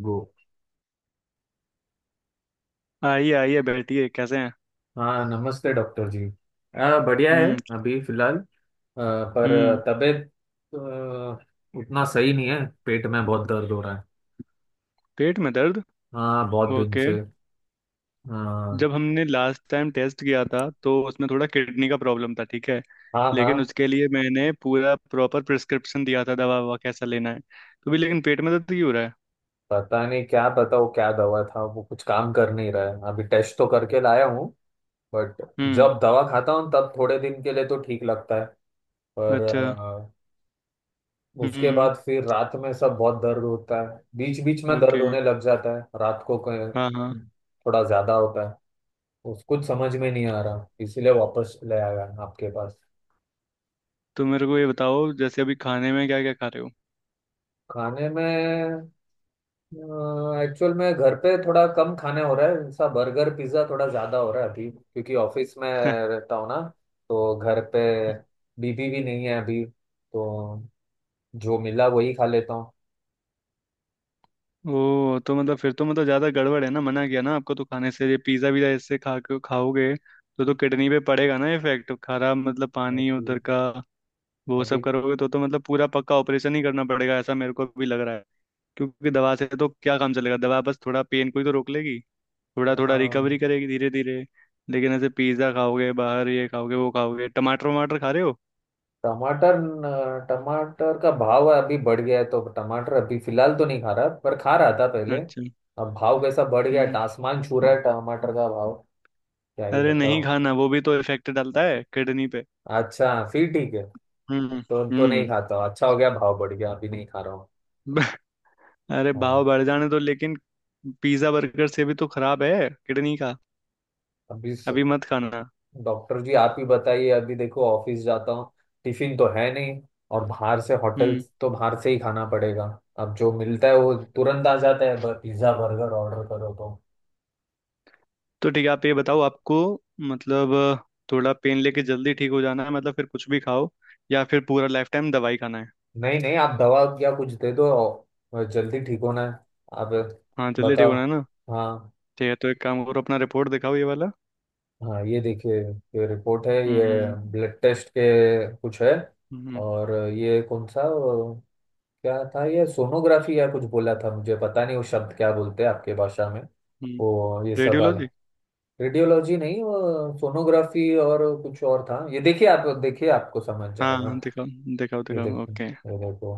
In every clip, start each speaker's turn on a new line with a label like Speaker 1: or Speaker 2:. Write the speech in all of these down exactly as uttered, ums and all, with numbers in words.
Speaker 1: वो।
Speaker 2: आइए आइए बैठिए। कैसे हैं?
Speaker 1: हाँ, नमस्ते डॉक्टर जी। आ, बढ़िया है।
Speaker 2: हम्म।
Speaker 1: अभी फिलहाल आ,
Speaker 2: हम्म।
Speaker 1: पर तबीयत आ, उतना सही नहीं है। पेट में बहुत दर्द हो रहा है।
Speaker 2: पेट में दर्द।
Speaker 1: हाँ, बहुत दिन
Speaker 2: ओके।
Speaker 1: से। हाँ।
Speaker 2: जब हमने लास्ट टाइम टेस्ट किया था तो उसमें थोड़ा किडनी का प्रॉब्लम था, ठीक है?
Speaker 1: हाँ।
Speaker 2: लेकिन
Speaker 1: हाँ,
Speaker 2: उसके लिए मैंने पूरा प्रॉपर प्रिस्क्रिप्शन दिया था, दवा ववा कैसा लेना है। तो भी लेकिन पेट में दर्द क्यों हो रहा है?
Speaker 1: पता नहीं क्या बताओ, क्या दवा था वो, कुछ काम कर नहीं रहा है। अभी टेस्ट तो करके लाया हूँ। बट
Speaker 2: हम्म।
Speaker 1: जब दवा खाता हूँ तब थोड़े दिन के लिए तो ठीक लगता है। पर
Speaker 2: अच्छा। हम्म।
Speaker 1: उसके
Speaker 2: हम्म।
Speaker 1: बाद फिर रात में सब बहुत दर्द होता है। बीच बीच में दर्द
Speaker 2: ओके।
Speaker 1: होने लग जाता है रात को। क-
Speaker 2: हाँ हाँ।
Speaker 1: थोड़ा ज्यादा होता है। उस कुछ समझ में नहीं आ रहा, इसीलिए वापस ले आया आपके पास।
Speaker 2: तो मेरे को ये बताओ, जैसे अभी खाने में क्या क्या खा रहे हो?
Speaker 1: खाने में एक्चुअल में घर पे थोड़ा कम खाने हो रहा है। ऐसा बर्गर पिज्जा थोड़ा ज्यादा हो रहा है अभी, क्योंकि ऑफिस में रहता हूँ ना। तो घर पे बीबी भी नहीं है अभी, तो जो मिला वही खा लेता हूँ।
Speaker 2: ओ तो मतलब, फिर तो मतलब ज्यादा गड़बड़ है ना। मना किया ना आपको तो खाने से? ये पिज्जा वीजा ऐसे खा के खाओगे तो तो किडनी पे पड़ेगा ना इफेक्ट, खराब मतलब पानी
Speaker 1: अभी।
Speaker 2: उधर का। वो सब
Speaker 1: अभी
Speaker 2: करोगे तो तो मतलब पूरा पक्का ऑपरेशन ही करना पड़ेगा, ऐसा मेरे को भी लग रहा है। क्योंकि दवा से तो क्या काम चलेगा, दवा बस थोड़ा पेन को ही तो रोक लेगी, थोड़ा थोड़ा रिकवरी करेगी धीरे धीरे। लेकिन ऐसे पिज्जा खाओगे, बाहर ये खाओगे वो खाओगे, टमाटर वमाटर खा रहे हो?
Speaker 1: टमाटर न- टमाटर का भाव अभी बढ़ गया है, तो टमाटर अभी फिलहाल तो नहीं खा रहा, पर खा रहा था पहले।
Speaker 2: अच्छा।
Speaker 1: अब भाव कैसा बढ़ गया है,
Speaker 2: हम्म।
Speaker 1: आसमान छू रहा है टमाटर का भाव। क्या ही
Speaker 2: अरे
Speaker 1: बताओ।
Speaker 2: नहीं खाना वो भी तो इफेक्ट डालता है किडनी पे।
Speaker 1: अच्छा, फिर ठीक है।
Speaker 2: हम्म।
Speaker 1: तो तो नहीं
Speaker 2: हम्म।
Speaker 1: खाता हूँ। अच्छा हो गया भाव बढ़ गया, अभी नहीं खा रहा हूँ।
Speaker 2: अरे भाव
Speaker 1: हाँ।
Speaker 2: बढ़ जाने तो, लेकिन पिज्जा बर्गर से भी तो खराब है किडनी का।
Speaker 1: अभी स-
Speaker 2: अभी मत खाना।
Speaker 1: डॉक्टर जी, आप ही बताइए। अभी देखो, ऑफिस जाता हूँ, टिफिन तो है नहीं, और बाहर से होटल,
Speaker 2: हम्म।
Speaker 1: तो बाहर से ही खाना पड़ेगा। अब जो मिलता है वो तुरंत आ जाता है, पिज्जा बर्गर ऑर्डर करो तो।
Speaker 2: तो ठीक है, आप ये बताओ आपको, मतलब थोड़ा पेन लेके जल्दी ठीक हो जाना है, मतलब फिर कुछ भी खाओ। या फिर पूरा लाइफ टाइम दवाई खाना है?
Speaker 1: नहीं नहीं, आप दवा या कुछ दे दो, और जल्दी ठीक होना है। आप
Speaker 2: हाँ जल्दी ठीक
Speaker 1: बताओ।
Speaker 2: होना है ना।
Speaker 1: हाँ।
Speaker 2: ठीक है, तो एक काम करो, अपना रिपोर्ट दिखाओ ये वाला।
Speaker 1: हाँ, ये देखिए ये रिपोर्ट है ये,
Speaker 2: हम्म।
Speaker 1: ब्लड टेस्ट के कुछ है।
Speaker 2: हम्म।
Speaker 1: और ये कौन सा वो, क्या था ये, सोनोग्राफी या कुछ बोला था? मुझे पता नहीं वो शब्द क्या बोलते हैं आपके भाषा में,
Speaker 2: हम्म।
Speaker 1: वो ये सब वाला।
Speaker 2: रेडियोलॉजी।
Speaker 1: रेडियोलॉजी नहीं, वो सोनोग्राफी और कुछ और था। ये देखिए, आप देखिए आपको समझ
Speaker 2: हाँ हाँ,
Speaker 1: जाएगा।
Speaker 2: दिखाओ दिखाओ
Speaker 1: ये
Speaker 2: दिखाओ।
Speaker 1: देखो।
Speaker 2: ओके।
Speaker 1: ये देखो।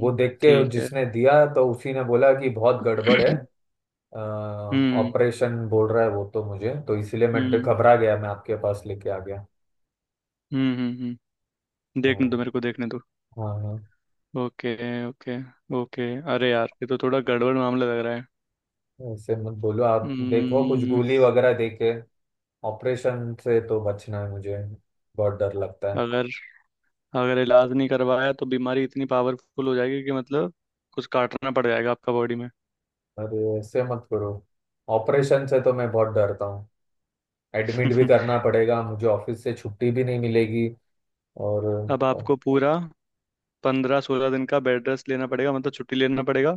Speaker 1: वो देख के
Speaker 2: ठीक है।
Speaker 1: जिसने दिया तो उसी ने बोला कि बहुत गड़बड़ है।
Speaker 2: हम्म।
Speaker 1: ऑपरेशन बोल रहा है वो तो, मुझे तो इसीलिए मैं डर-
Speaker 2: हम्म।
Speaker 1: घबरा गया, मैं आपके पास लेके आ गया।
Speaker 2: हम्म। हम्म। हम्म। देखने
Speaker 1: हाँ।
Speaker 2: दो, मेरे को देखने दो।
Speaker 1: हाँ। हाँ।
Speaker 2: ओके। ओके। ओके। अरे यार, ये तो थोड़ा गड़बड़ मामला लग रहा है।
Speaker 1: ऐसे मत बोलो, आप देखो कुछ
Speaker 2: हम्म।
Speaker 1: गोली वगैरह दे के। ऑपरेशन से तो बचना है मुझे, बहुत डर लगता है।
Speaker 2: अगर अगर इलाज नहीं करवाया तो बीमारी इतनी पावरफुल हो जाएगी कि मतलब कुछ काटना पड़ जाएगा आपका बॉडी में।
Speaker 1: अरे ऐसे मत करो। ऑपरेशन से तो मैं बहुत डरता हूँ। एडमिट भी करना पड़ेगा, मुझे ऑफिस से छुट्टी भी नहीं मिलेगी। और
Speaker 2: अब आपको पूरा पंद्रह सोलह दिन का बेड रेस्ट लेना पड़ेगा, मतलब छुट्टी लेना पड़ेगा।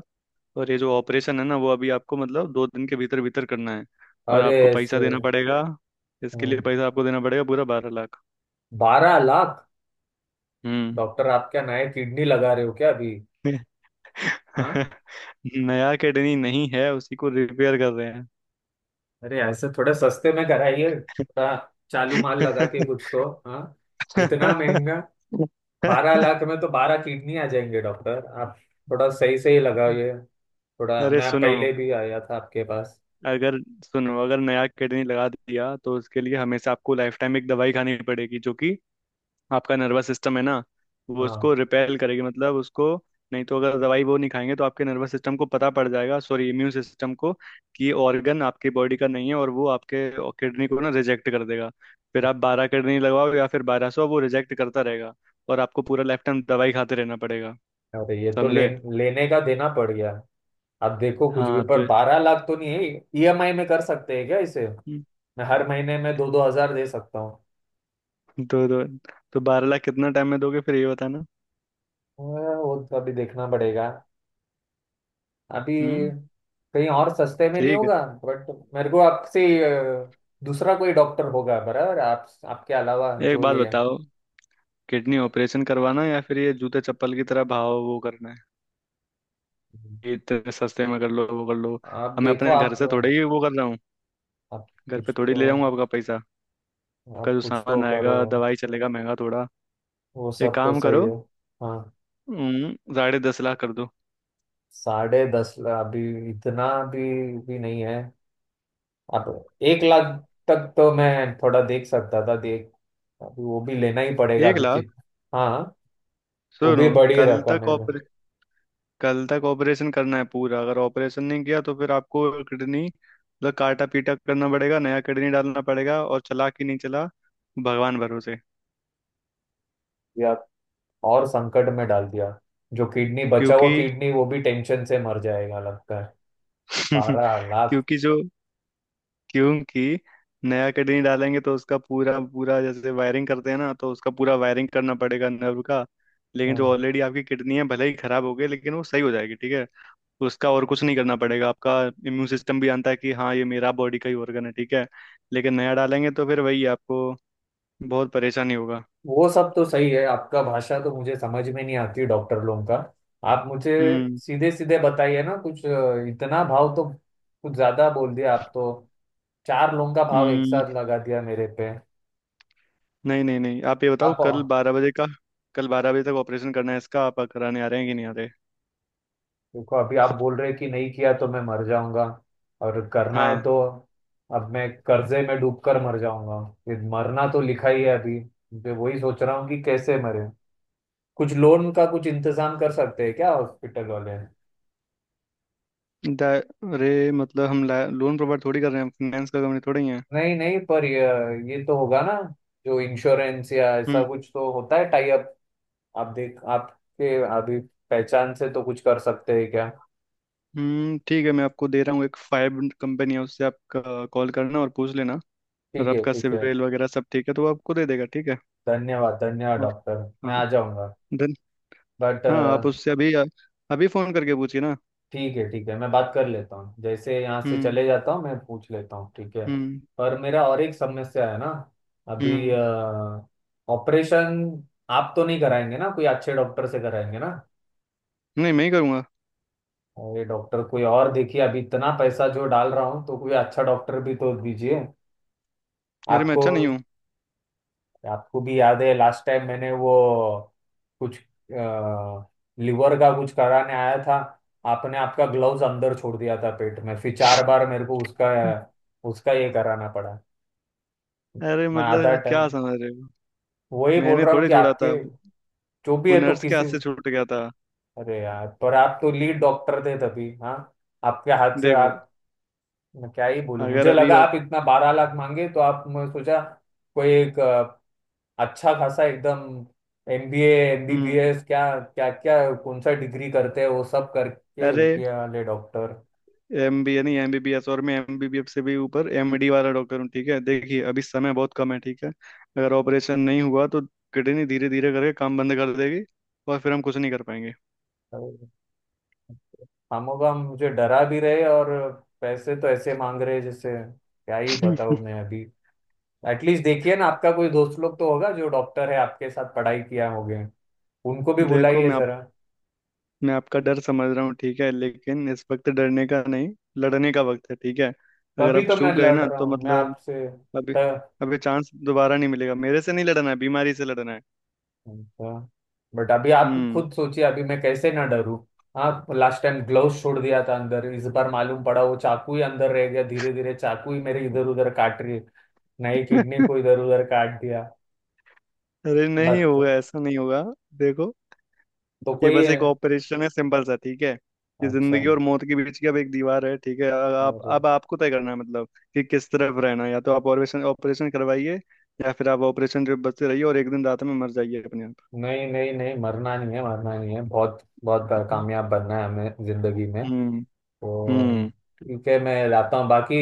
Speaker 2: और ये जो ऑपरेशन है ना वो अभी आपको मतलब दो दिन के भीतर भीतर करना है। और
Speaker 1: अरे
Speaker 2: आपको पैसा
Speaker 1: ऐसे
Speaker 2: देना पड़ेगा, इसके लिए पैसा आपको देना पड़ेगा, पूरा बारह लाख।
Speaker 1: बारह लाख?
Speaker 2: हम्म।
Speaker 1: डॉक्टर आप क्या नए किडनी लगा रहे हो क्या अभी? हाँ।
Speaker 2: नया किडनी नहीं है, उसी को रिपेयर कर रहे हैं।
Speaker 1: अरे ऐसे थोड़ा सस्ते में कराइए थोड़ा, चालू माल लगा के कुछ तो। हाँ। इतना महंगा? बारह लाख में तो बारह किडनी आ जाएंगे डॉक्टर आप। थोड़ा सही सही लगाइए थोड़ा।
Speaker 2: अरे
Speaker 1: मैं
Speaker 2: सुनो,
Speaker 1: पहले भी आया था आपके पास।
Speaker 2: अगर सुनो अगर नया किडनी लगा दिया तो उसके लिए हमेशा आपको लाइफ टाइम एक दवाई खानी पड़ेगी, जो कि आपका नर्वस सिस्टम है ना, वो उसको
Speaker 1: हाँ।
Speaker 2: रिपेल करेगी, मतलब उसको। नहीं तो अगर दवाई वो नहीं खाएंगे तो आपके नर्वस सिस्टम को पता पड़ जाएगा, सॉरी इम्यून सिस्टम को, कि ऑर्गन आपके बॉडी का नहीं है, और वो आपके किडनी को ना रिजेक्ट कर देगा। फिर आप बारह किडनी लगवाओ या फिर बारह सौ, वो रिजेक्ट करता रहेगा। और आपको पूरा लाइफ टाइम दवाई खाते रहना पड़ेगा।
Speaker 1: अरे ये तो ले,
Speaker 2: समझे?
Speaker 1: लेने का देना पड़ गया। आप देखो कुछ भी,
Speaker 2: हाँ
Speaker 1: पर
Speaker 2: तो।
Speaker 1: बारह लाख तो नहीं है। ईएमआई में कर सकते हैं क्या इसे?
Speaker 2: हम्म।
Speaker 1: मैं हर महीने में दो दो हजार दे सकता हूँ।
Speaker 2: दो दो। तो बारह लाख कितना टाइम में दोगे फिर, ये बताना।
Speaker 1: हाँ, वो तो अभी देखना पड़ेगा। अभी
Speaker 2: हम्म।
Speaker 1: कहीं और सस्ते में नहीं
Speaker 2: ठीक
Speaker 1: होगा? बट मेरे को आपसे अ, दूसरा कोई डॉक्टर होगा बराबर आप, आपके अलावा
Speaker 2: है, एक
Speaker 1: जो
Speaker 2: बात
Speaker 1: ये है?
Speaker 2: बताओ, किडनी ऑपरेशन करवाना या फिर ये जूते चप्पल की तरह भाव वो करना है? ये इतने सस्ते में कर लो, वो कर लो।
Speaker 1: आप
Speaker 2: अब मैं
Speaker 1: देखो
Speaker 2: अपने घर
Speaker 1: आप
Speaker 2: से थोड़े ही वो कर रहा हूँ।
Speaker 1: आप
Speaker 2: घर पे
Speaker 1: कुछ
Speaker 2: थोड़ी
Speaker 1: तो
Speaker 2: ले जाऊंगा आपका पैसा। आपका
Speaker 1: आप
Speaker 2: जो
Speaker 1: कुछ तो
Speaker 2: सामान आएगा,
Speaker 1: करो।
Speaker 2: दवाई चलेगा महंगा थोड़ा।
Speaker 1: वो
Speaker 2: एक
Speaker 1: सब तो
Speaker 2: काम
Speaker 1: सही
Speaker 2: करो।
Speaker 1: है। हाँ।
Speaker 2: हम्म। साढ़े दस लाख कर दो।
Speaker 1: साढ़े दस लाख? अभी इतना भी भी नहीं है। अब एक लाख तक तो मैं थोड़ा देख सकता था, देख अभी वो भी लेना ही पड़ेगा
Speaker 2: एक
Speaker 1: अभी।
Speaker 2: लाख
Speaker 1: कित हाँ, वो भी
Speaker 2: सुनो,
Speaker 1: बड़ी
Speaker 2: कल
Speaker 1: रकम
Speaker 2: तक,
Speaker 1: है।
Speaker 2: कल तक ऑपरेशन करना है पूरा। अगर ऑपरेशन नहीं किया तो फिर आपको किडनी मतलब काटा पीटा करना पड़ेगा, नया किडनी डालना पड़ेगा, और चला कि नहीं चला, भगवान भरोसे।
Speaker 1: मैं और संकट में डाल दिया। जो किडनी बचा हुआ
Speaker 2: क्योंकि
Speaker 1: किडनी वो भी टेंशन से मर जाएगा लगता है। बारह लाख।
Speaker 2: क्योंकि जो क्योंकि नया किडनी डालेंगे तो उसका पूरा पूरा, जैसे वायरिंग करते हैं ना, तो उसका पूरा वायरिंग करना पड़ेगा नर्व का। लेकिन जो
Speaker 1: हाँ,
Speaker 2: ऑलरेडी आपकी किडनी है, भले ही खराब हो गई, लेकिन वो सही हो जाएगी, ठीक है? उसका और कुछ नहीं करना पड़ेगा आपका। इम्यून सिस्टम भी जानता है कि हाँ ये मेरा बॉडी का ही organ है, ठीक है? लेकिन नया डालेंगे तो फिर वही आपको बहुत परेशानी होगा।
Speaker 1: वो सब तो सही है। आपका भाषा तो मुझे समझ में नहीं आती डॉक्टर लोगों का। आप मुझे
Speaker 2: हम्म।
Speaker 1: सीधे सीधे बताइए ना, कुछ अ, इतना भाव तो कुछ ज्यादा बोल दिया आप तो। चार लोगों का भाव एक
Speaker 2: हम्म।
Speaker 1: साथ लगा दिया मेरे पे।
Speaker 2: नहीं नहीं नहीं, आप ये बताओ, कल
Speaker 1: आप
Speaker 2: बारह बजे का, कल बारह बजे तक ऑपरेशन करना है इसका, आप कराने आ रहे हैं कि नहीं आ रहे?
Speaker 1: देखो। अभी आप बोल रहे कि नहीं किया तो मैं मर जाऊंगा, और करना है
Speaker 2: हाँ।
Speaker 1: तो अब मैं कर्जे में डूबकर मर जाऊंगा। ये मरना तो लिखा ही है अभी, मैं वही सोच रहा हूँ कि कैसे मरे। कुछ लोन का कुछ इंतजाम कर सकते हैं क्या हॉस्पिटल वाले?
Speaker 2: दा- अरे मतलब हम लोन प्रोवाइड थोड़ी कर रहे हैं, फाइनेंस का कंपनी थोड़ी है।
Speaker 1: नहीं नहीं, पर ये ये तो होगा ना, जो इंश्योरेंस या ऐसा
Speaker 2: हम्म।
Speaker 1: कुछ तो होता है, टाई अप। आप देख आपके अभी पहचान से तो कुछ कर सकते हैं क्या?
Speaker 2: हम्म। ठीक है, मैं आपको दे रहा हूँ, एक फाइव कंपनी है, उससे आप कॉल करना और पूछ लेना। और
Speaker 1: ठीक है
Speaker 2: आपका
Speaker 1: ठीक है,
Speaker 2: सिविल वगैरह सब ठीक है तो वो आपको दे देगा, ठीक है?
Speaker 1: धन्यवाद धन्यवाद
Speaker 2: और
Speaker 1: डॉक्टर। मैं
Speaker 2: हाँ।
Speaker 1: आ जाऊंगा।
Speaker 2: धन
Speaker 1: बट
Speaker 2: हाँ आप उससे अभी, अभी फोन करके पूछिए ना।
Speaker 1: ठीक है ठीक है, मैं बात कर लेता हूँ। जैसे यहाँ से
Speaker 2: हम्म।
Speaker 1: चले जाता हूँ मैं पूछ लेता हूँ, ठीक है।
Speaker 2: हम्म।
Speaker 1: पर मेरा और एक समस्या है ना अभी।
Speaker 2: हम्म।
Speaker 1: ऑपरेशन आप तो नहीं कराएंगे ना, कोई अच्छे डॉक्टर से कराएंगे ना?
Speaker 2: नहीं, मैं ही करूँगा।
Speaker 1: और ये डॉक्टर कोई और देखिए, अभी इतना पैसा जो डाल रहा हूँ तो कोई अच्छा डॉक्टर भी तो दीजिए।
Speaker 2: अरे मैं
Speaker 1: आपको।
Speaker 2: अच्छा नहीं हूँ?
Speaker 1: आपको भी याद है लास्ट टाइम मैंने वो कुछ लिवर का कुछ कराने आया था, आपने आपका ग्लव्स अंदर छोड़ दिया था पेट में, फिर चार बार मेरे को उसका उसका ये कराना पड़ा।
Speaker 2: अरे
Speaker 1: मैं आधा
Speaker 2: मतलब क्या
Speaker 1: टाइम
Speaker 2: समझ रहे हो,
Speaker 1: वही बोल
Speaker 2: मैंने
Speaker 1: रहा हूँ
Speaker 2: थोड़े
Speaker 1: कि
Speaker 2: छोड़ा था,
Speaker 1: आपके जो भी
Speaker 2: वो
Speaker 1: है तो
Speaker 2: नर्स के
Speaker 1: किसी।
Speaker 2: हाथ से छूट गया था।
Speaker 1: अरे यार, पर आप तो लीड डॉक्टर थे तभी। हाँ, आपके हाथ से
Speaker 2: देखो
Speaker 1: आप। मैं क्या ही बोलूं,
Speaker 2: अगर
Speaker 1: मुझे
Speaker 2: अभी
Speaker 1: लगा
Speaker 2: आप।
Speaker 1: आप इतना बारह लाख मांगे तो आप, मैं सोचा कोई एक अ, अच्छा खासा एकदम एमबीए,
Speaker 2: हम्म।
Speaker 1: एमबीबीएस, क्या क्या क्या कौन सा डिग्री करते हैं वो सब करके
Speaker 2: अरे
Speaker 1: किया वाले डॉक्टर।
Speaker 2: एम बी ए नहीं, एम बी बी एस, और मैं एम बी बी एस से भी ऊपर एम डी वाला डॉक्टर हूँ, ठीक है? देखिए अभी समय बहुत कम है ठीक है? अगर ऑपरेशन नहीं हुआ तो किडनी धीरे धीरे करके काम बंद कर देगी और फिर हम कुछ नहीं कर पाएंगे।
Speaker 1: हम लोग हम मुझे डरा भी रहे, और पैसे तो ऐसे मांग रहे, जैसे क्या ही बताऊं मैं अभी। एटलीस्ट देखिए ना, आपका कोई दोस्त लोग तो होगा जो डॉक्टर है, आपके साथ पढ़ाई किया होगे, उनको भी
Speaker 2: देखो
Speaker 1: बुलाइए
Speaker 2: मैं आप
Speaker 1: जरा।
Speaker 2: मैं आपका डर समझ रहा हूँ, ठीक है? लेकिन इस वक्त डरने का नहीं, लड़ने का वक्त है, ठीक है? अगर
Speaker 1: तभी
Speaker 2: आप
Speaker 1: तो मैं
Speaker 2: चूक गए
Speaker 1: लड़
Speaker 2: ना
Speaker 1: रहा
Speaker 2: तो
Speaker 1: हूँ मैं
Speaker 2: मतलब
Speaker 1: आपसे।
Speaker 2: अभी, अभी चांस दोबारा नहीं मिलेगा। मेरे से नहीं लड़ना है, बीमारी से लड़ना है।
Speaker 1: अच्छा, बट अभी आप
Speaker 2: हम्म।
Speaker 1: खुद सोचिए अभी मैं कैसे ना डरूं। हाँ, लास्ट टाइम ग्लव्स छोड़ दिया था अंदर, इस बार मालूम पड़ा वो चाकू ही अंदर रह गया, धीरे धीरे चाकू ही मेरे इधर उधर काट रही है। नई किडनी को इधर उधर काट दिया।
Speaker 2: अरे
Speaker 1: बट
Speaker 2: नहीं
Speaker 1: तो।
Speaker 2: होगा, ऐसा नहीं होगा। देखो,
Speaker 1: तो
Speaker 2: ये
Speaker 1: कोई
Speaker 2: बस एक ऑपरेशन है सिंपल सा, ठीक है? ये
Speaker 1: अच्छा।
Speaker 2: जिंदगी और मौत के बीच की अब एक दीवार है, ठीक है? अब आप
Speaker 1: अरे
Speaker 2: अब आपको तय करना है, मतलब कि किस तरफ रहना है, या तो आप ऑपरेशन ऑपरेशन करवाइए, या फिर आप ऑपरेशन जो बचते रहिए और एक दिन रात में मर जाइए अपने आप।
Speaker 1: नहीं नहीं नहीं, मरना नहीं है, मरना नहीं है, बहुत बहुत कामयाब बनना है हमें जिंदगी में।
Speaker 2: हम्म।
Speaker 1: तो
Speaker 2: हम्म।
Speaker 1: ठीक है, मैं लाता हूँ। बाकी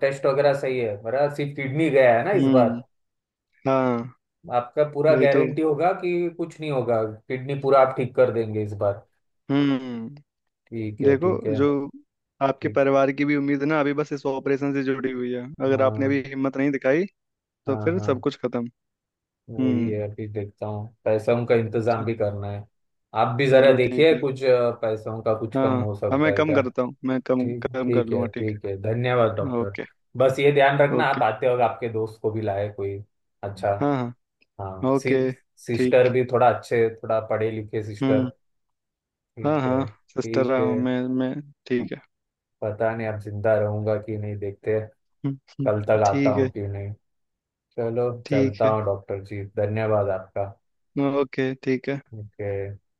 Speaker 1: टेस्ट वगैरह सही है, मेरा सिर्फ किडनी गया है ना इस
Speaker 2: हम्म।
Speaker 1: बार।
Speaker 2: हाँ
Speaker 1: आपका पूरा
Speaker 2: वही तो।
Speaker 1: गारंटी होगा कि कुछ नहीं होगा, किडनी पूरा आप ठीक कर देंगे इस बार?
Speaker 2: हम्म।
Speaker 1: ठीक है
Speaker 2: देखो
Speaker 1: ठीक है
Speaker 2: जो आपके
Speaker 1: ठीक।
Speaker 2: परिवार की भी उम्मीद ना अभी बस इस ऑपरेशन से जुड़ी हुई है, अगर आपने अभी
Speaker 1: हाँ
Speaker 2: हिम्मत नहीं दिखाई तो
Speaker 1: हाँ
Speaker 2: फिर सब
Speaker 1: हाँ,
Speaker 2: कुछ खत्म।
Speaker 1: वही
Speaker 2: हम्म।
Speaker 1: है। अभी देखता हूँ पैसों का इंतजाम भी करना है। आप भी जरा
Speaker 2: चलो ठीक
Speaker 1: देखिए
Speaker 2: है।
Speaker 1: कुछ अ, पैसों का कुछ कम
Speaker 2: हाँ।
Speaker 1: हो
Speaker 2: हाँ
Speaker 1: सकता
Speaker 2: मैं
Speaker 1: है
Speaker 2: कम
Speaker 1: क्या?
Speaker 2: करता हूँ, मैं कम
Speaker 1: ठीक
Speaker 2: कम कर
Speaker 1: ठीक
Speaker 2: लूंगा,
Speaker 1: है
Speaker 2: ठीक
Speaker 1: ठीक है, धन्यवाद
Speaker 2: है?
Speaker 1: डॉक्टर।
Speaker 2: ओके।
Speaker 1: बस ये ध्यान रखना,
Speaker 2: ओके।
Speaker 1: आप आते वक्त आपके दोस्त को भी लाए कोई अच्छा।
Speaker 2: हाँ हाँ।
Speaker 1: हाँ
Speaker 2: ओके।
Speaker 1: सि, सिस्टर
Speaker 2: ठीक।
Speaker 1: भी थोड़ा अच्छे, थोड़ा पढ़े लिखे सिस्टर।
Speaker 2: हम्म। हाँ
Speaker 1: ठीक
Speaker 2: हाँ,
Speaker 1: है
Speaker 2: सिस्टर
Speaker 1: ठीक
Speaker 2: रहा
Speaker 1: है।
Speaker 2: हूँ मैं मैं ठीक है।
Speaker 1: पता नहीं अब जिंदा रहूंगा कि नहीं, देखते
Speaker 2: हम्म। हम्म।
Speaker 1: कल तक आता
Speaker 2: ठीक
Speaker 1: हूँ
Speaker 2: है।
Speaker 1: कि नहीं। चलो,
Speaker 2: ठीक
Speaker 1: चलता
Speaker 2: है।
Speaker 1: हूँ डॉक्टर जी, धन्यवाद आपका।
Speaker 2: ओके। ठीक है।
Speaker 1: ओके।